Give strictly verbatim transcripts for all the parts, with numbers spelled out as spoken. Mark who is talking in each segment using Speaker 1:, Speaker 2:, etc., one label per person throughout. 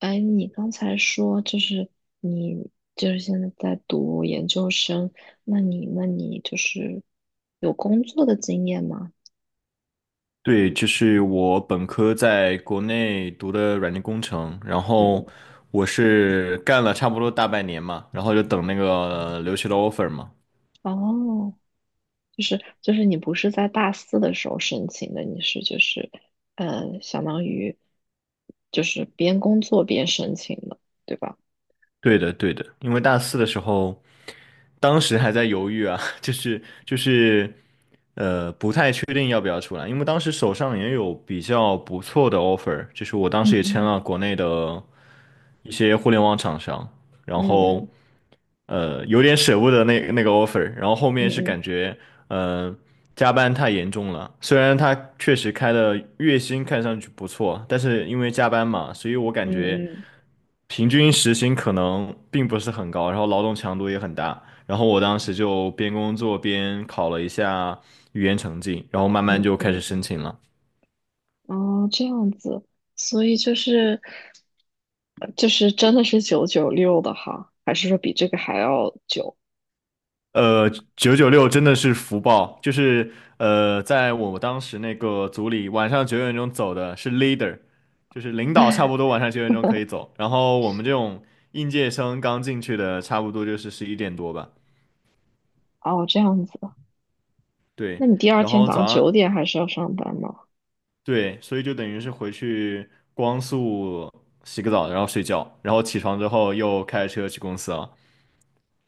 Speaker 1: 哎，你刚才说就是你就是现在在读研究生，那你那你就是有工作的经验吗？
Speaker 2: 对，就是我本科在国内读的软件工程，然
Speaker 1: 嗯，
Speaker 2: 后我是干了差不多大半年嘛，然后就等那个留学的 offer 嘛。
Speaker 1: 哦，就是就是你不是在大四的时候申请的，你是就是呃，相当于就是边工作边申请的，对吧？
Speaker 2: 对的，对的，因为大四的时候，当时还在犹豫啊，就是就是，呃，不太确定要不要出来，因为当时手上也有比较不错的 offer，就是我当时也
Speaker 1: 嗯
Speaker 2: 签了国内的一些互联网厂商，然
Speaker 1: 嗯
Speaker 2: 后。呃，有点舍不得那那个 offer，然后后
Speaker 1: 嗯
Speaker 2: 面是
Speaker 1: 嗯
Speaker 2: 感觉，呃，加班太严重了。虽然他确实开的月薪看上去不错，但是因为加班嘛，所以我感
Speaker 1: 嗯
Speaker 2: 觉
Speaker 1: 嗯嗯
Speaker 2: 平均时薪可能并不是很高，然后劳动强度也很大。然后我当时就边工作边考了一下语言成绩，然后慢
Speaker 1: 嗯
Speaker 2: 慢就开始
Speaker 1: 嗯嗯
Speaker 2: 申请了。
Speaker 1: 哦，这样子，所以就是就是真的是九九六的哈，还是说比这个还要久？
Speaker 2: 呃，九九六真的是福报，就是呃，在我当时那个组里，晚上九点钟走的是 leader，就是领导，差 不多晚上九点钟可以走。然后我们这种应届生刚进去的，差不多就是十一点多吧。
Speaker 1: 哦，这样子，那
Speaker 2: 对，
Speaker 1: 你第二
Speaker 2: 然
Speaker 1: 天
Speaker 2: 后
Speaker 1: 早上
Speaker 2: 早
Speaker 1: 九
Speaker 2: 上
Speaker 1: 点还是要上班吗？
Speaker 2: 对，所以就等于是回去光速洗个澡，然后睡觉，然后起床之后又开车去公司了。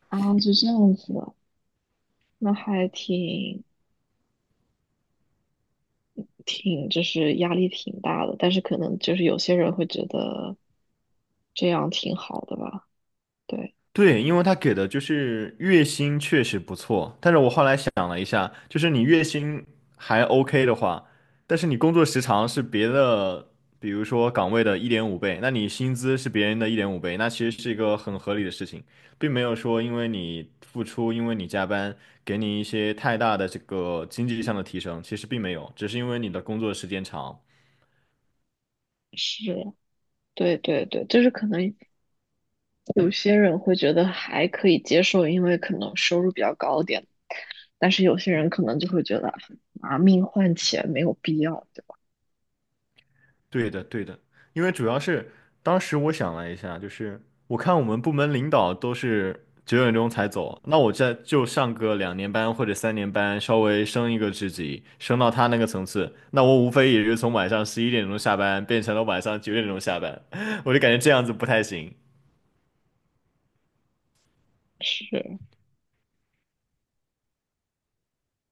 Speaker 1: 啊，就这样子的，那还挺挺，就是压力挺大的，但是可能就是有些人会觉得这样挺好的吧，对，
Speaker 2: 对，因为他给的就是月薪确实不错，但是我后来想了一下，就是你月薪还 OK 的话，但是你工作时长是别的，比如说岗位的一点五倍，那你薪资是别人的一点五倍，那其实是一个很合理的事情，并没有说因为你付出，因为你加班，给你一些太大的这个经济上的提升，其实并没有，只是因为你的工作时间长。
Speaker 1: 是，对对对，就是可能。有些人会觉得还可以接受，因为可能收入比较高点，但是有些人可能就会觉得拿命换钱没有必要，对吧？
Speaker 2: 对的，对的，因为主要是当时我想了一下，就是我看我们部门领导都是九点钟才走，那我再就上个两年班或者三年班，稍微升一个职级，升到他那个层次，那我无非也就从晚上十一点钟下班变成了晚上九点钟下班，我就感觉这样子不太行。
Speaker 1: 是，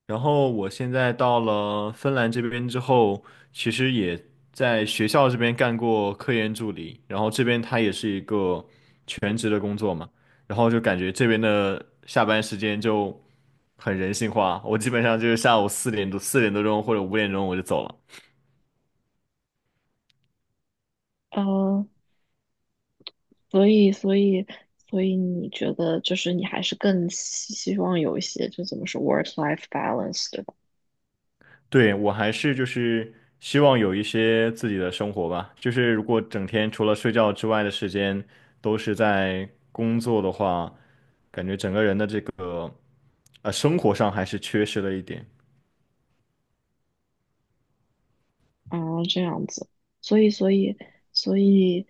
Speaker 2: 然后我现在到了芬兰这边之后，其实也在学校这边干过科研助理，然后这边它也是一个全职的工作嘛，然后就感觉这边的下班时间就很人性化，我基本上就是下午四点多、四点多钟或者五点钟我就走了。
Speaker 1: 呃，所以，所以，所以你觉得就是你还是更希希望有一些就怎么说 work-life balance，对吧？
Speaker 2: 对，我还是就是希望有一些自己的生活吧，就是如果整天除了睡觉之外的时间都是在工作的话，感觉整个人的这个。啊，生活上还是缺失了一点。
Speaker 1: 啊，这样子，所以，所以，所以。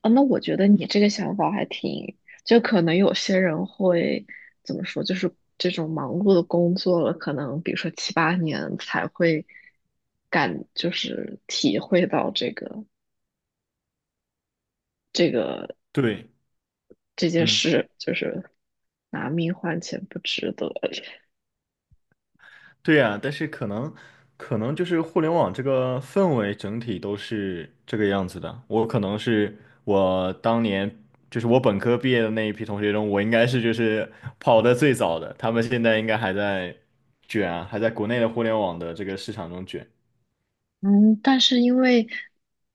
Speaker 1: 啊，那我觉得你这个想法还挺，就可能有些人会怎么说，就是这种忙碌的工作了，可能比如说七八年才会感，就是体会到这个这个
Speaker 2: 对，
Speaker 1: 这件
Speaker 2: 嗯，
Speaker 1: 事，就是拿命换钱不值得。
Speaker 2: 对呀，但是可能，可能就是互联网这个氛围整体都是这个样子的。我可能是我当年，就是我本科毕业的那一批同学中，我应该是就是跑的最早的，他们现在应该还在卷啊，还在国内的互联网的这个市场中卷。
Speaker 1: 嗯，但是因为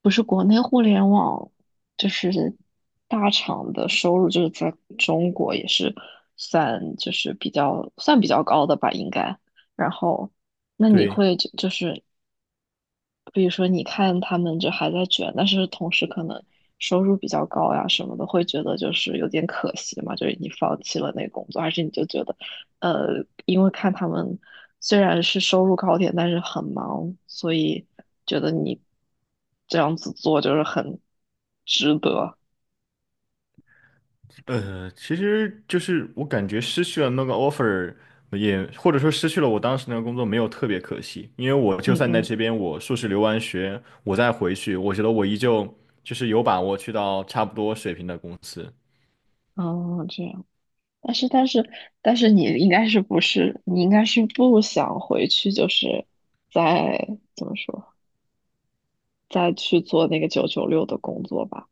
Speaker 1: 不是国内互联网，就是大厂的收入，就是在中国也是算就是比较算比较高的吧，应该。然后，那你
Speaker 2: 对。
Speaker 1: 会就就是比如说你看他们就还在卷，但是同时可能收入比较高呀什么的，会觉得就是有点可惜嘛，就是你放弃了那个工作，还是你就觉得，呃，因为看他们虽然是收入高点，但是很忙，所以觉得你这样子做就是很值得。
Speaker 2: 呃，其实就是我感觉失去了那个 offer，也或者说失去了我当时那个工作，没有特别可惜，因为我就
Speaker 1: 嗯
Speaker 2: 算在
Speaker 1: 嗯
Speaker 2: 这边我硕士留完学，我再回去，我觉得我依旧就是有把握去到差不多水平的公司。
Speaker 1: 哦，这样。但是但是但是你应该是不是你应该是不想回去，就是在怎么说？再去做那个九九六的工作吧。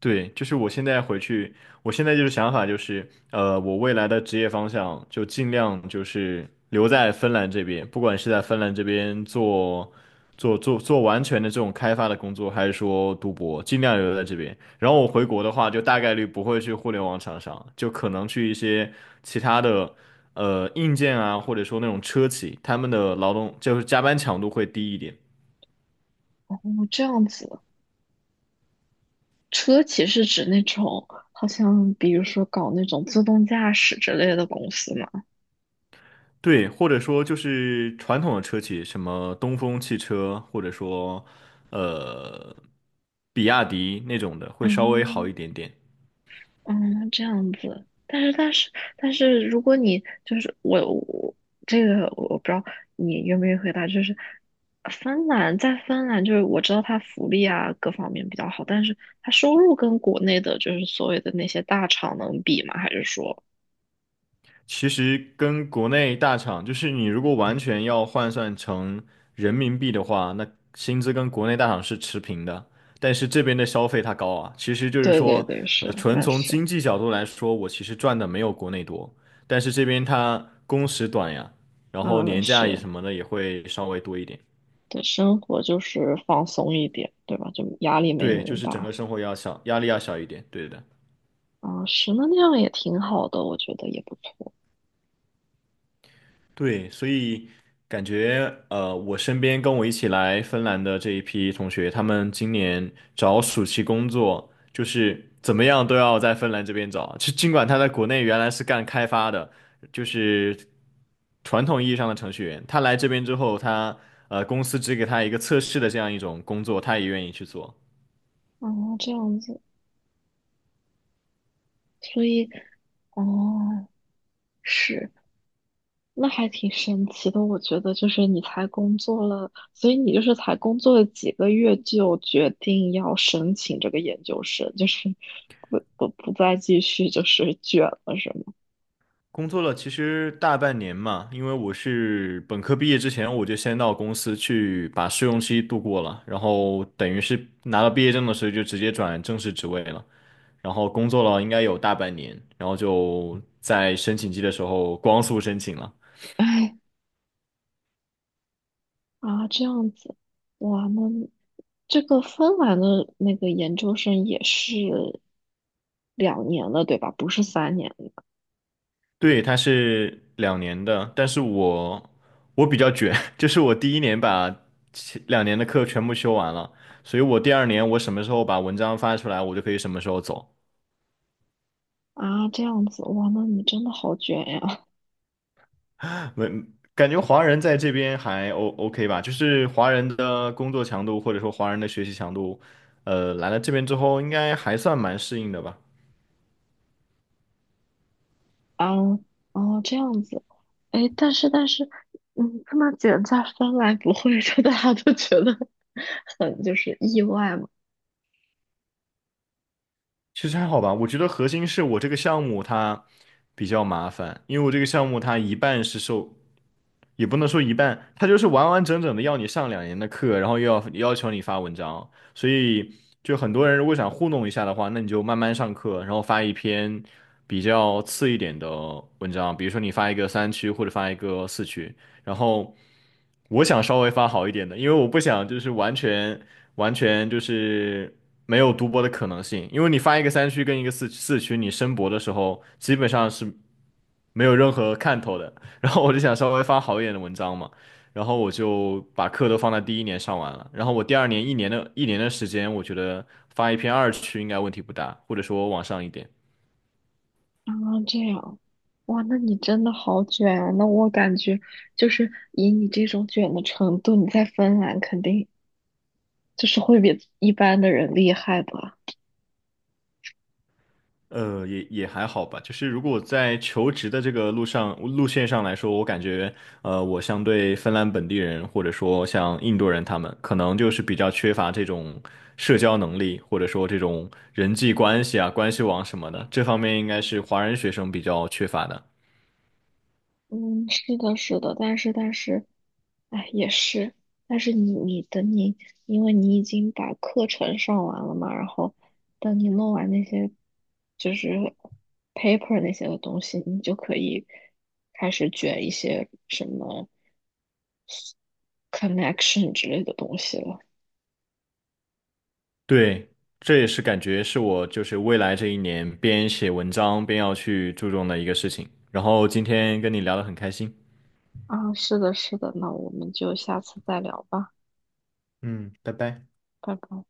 Speaker 2: 对，就是我现在回去，我现在就是想法就是，呃，我未来的职业方向就尽量就是留在芬兰这边，不管是在芬兰这边做做做做完全的这种开发的工作，还是说读博，尽量留在这边。然后我回国的话，就大概率不会去互联网厂商，就可能去一些其他的呃硬件啊，或者说那种车企，他们的劳动就是加班强度会低一点。
Speaker 1: 哦，这样子。车企是指那种好像比如说搞那种自动驾驶之类的公司嘛？
Speaker 2: 对，或者说就是传统的车企，什么东风汽车，或者说呃比亚迪那种的，会稍微好
Speaker 1: 哦，
Speaker 2: 一点点。
Speaker 1: 嗯，这样子。但是，但是，但是，如果你就是我，我这个我不知道你愿不愿意回答，就是芬兰在芬兰，就是我知道它福利啊各方面比较好，但是它收入跟国内的就是所谓的那些大厂能比吗？还是说？
Speaker 2: 其实跟国内大厂，就是你如果完全要换算成人民币的话，那薪资跟国内大厂是持平的，但是这边的消费它高啊。其实就是
Speaker 1: 对对
Speaker 2: 说，
Speaker 1: 对，
Speaker 2: 呃，
Speaker 1: 是，
Speaker 2: 纯
Speaker 1: 那
Speaker 2: 从
Speaker 1: 是。
Speaker 2: 经济角度来说，我其实赚的没有国内多，但是这边它工时短呀，然后
Speaker 1: 嗯，
Speaker 2: 年假也
Speaker 1: 是，
Speaker 2: 什么的也会稍微多一点。
Speaker 1: 对，生活就是放松一点，对吧？就压力没那
Speaker 2: 对，就
Speaker 1: 么
Speaker 2: 是整个
Speaker 1: 大。
Speaker 2: 生活要小，压力要小一点。对的，
Speaker 1: 啊，是，那那样也挺好的，我觉得也不错。
Speaker 2: 对，所以感觉呃，我身边跟我一起来芬兰的这一批同学，他们今年找暑期工作，就是怎么样都要在芬兰这边找。就尽管他在国内原来是干开发的，就是传统意义上的程序员，他来这边之后，他呃公司只给他一个测试的这样一种工作，他也愿意去做。
Speaker 1: 啊，这样子，所以，哦，是，那还挺神奇的。我觉得就是你才工作了，所以你就是才工作了几个月就决定要申请这个研究生，就是不不不再继续就是卷了，是吗？
Speaker 2: 工作了其实大半年嘛，因为我是本科毕业之前，我就先到公司去把试用期度过了，然后等于是拿到毕业证的时候就直接转正式职位了，然后工作了应该有大半年，然后就在申请季的时候光速申请了。
Speaker 1: 啊，这样子，哇，那这个芬兰的那个研究生也是两年了，对吧？不是三年的。
Speaker 2: 对，他是两年的，但是我我比较卷，就是我第一年把前两年的课全部修完了，所以我第二年我什么时候把文章发出来，我就可以什么时候走。
Speaker 1: 啊，这样子，哇，那你真的好卷呀！
Speaker 2: 没，感觉华人在这边还 O OK 吧，就是华人的工作强度或者说华人的学习强度，呃，来了这边之后应该还算蛮适应的吧。
Speaker 1: 啊，哦，这样子，哎，但是但是，嗯，这么卷在芬兰不会说大家都觉得 很就是意外嘛？
Speaker 2: 其实还好吧，我觉得核心是我这个项目它比较麻烦，因为我这个项目它一半是受也不能说一半，他就是完完整整的要你上两年的课，然后又要要求你发文章，所以就很多人如果想糊弄一下的话，那你就慢慢上课，然后发一篇比较次一点的文章，比如说你发一个三区或者发一个四区，然后我想稍微发好一点的，因为我不想就是完全完全就是没有读博的可能性，因为你发一个三区跟一个四四区，你申博的时候基本上是没有任何看头的。然后我就想稍微发好一点的文章嘛，然后我就把课都放在第一年上完了，然后我第二年一年的一年的时间，我觉得发一篇二区应该问题不大，或者说往上一点，
Speaker 1: 啊，这样。哇，那你真的好卷啊！那我感觉就是以你这种卷的程度，你在芬兰肯定就是会比一般的人厉害吧？
Speaker 2: 呃，也也还好吧。就是如果我在求职的这个路上路线上来说，我感觉呃，我相对芬兰本地人或者说像印度人他们，可能就是比较缺乏这种社交能力，或者说这种人际关系啊、关系网什么的，这方面应该是华人学生比较缺乏的。
Speaker 1: 嗯，是的，是的，但是但是，哎，也是，但是你你等你，因为你已经把课程上完了嘛，然后等你弄完那些就是 paper 那些的东西，你就可以开始卷一些什么 connection 之类的东西了。
Speaker 2: 对，这也是感觉是我就是未来这一年边写文章边要去注重的一个事情。然后今天跟你聊得很开心。
Speaker 1: 啊，是的，是的，那我们就下次再聊吧，
Speaker 2: 嗯，拜拜。
Speaker 1: 拜拜。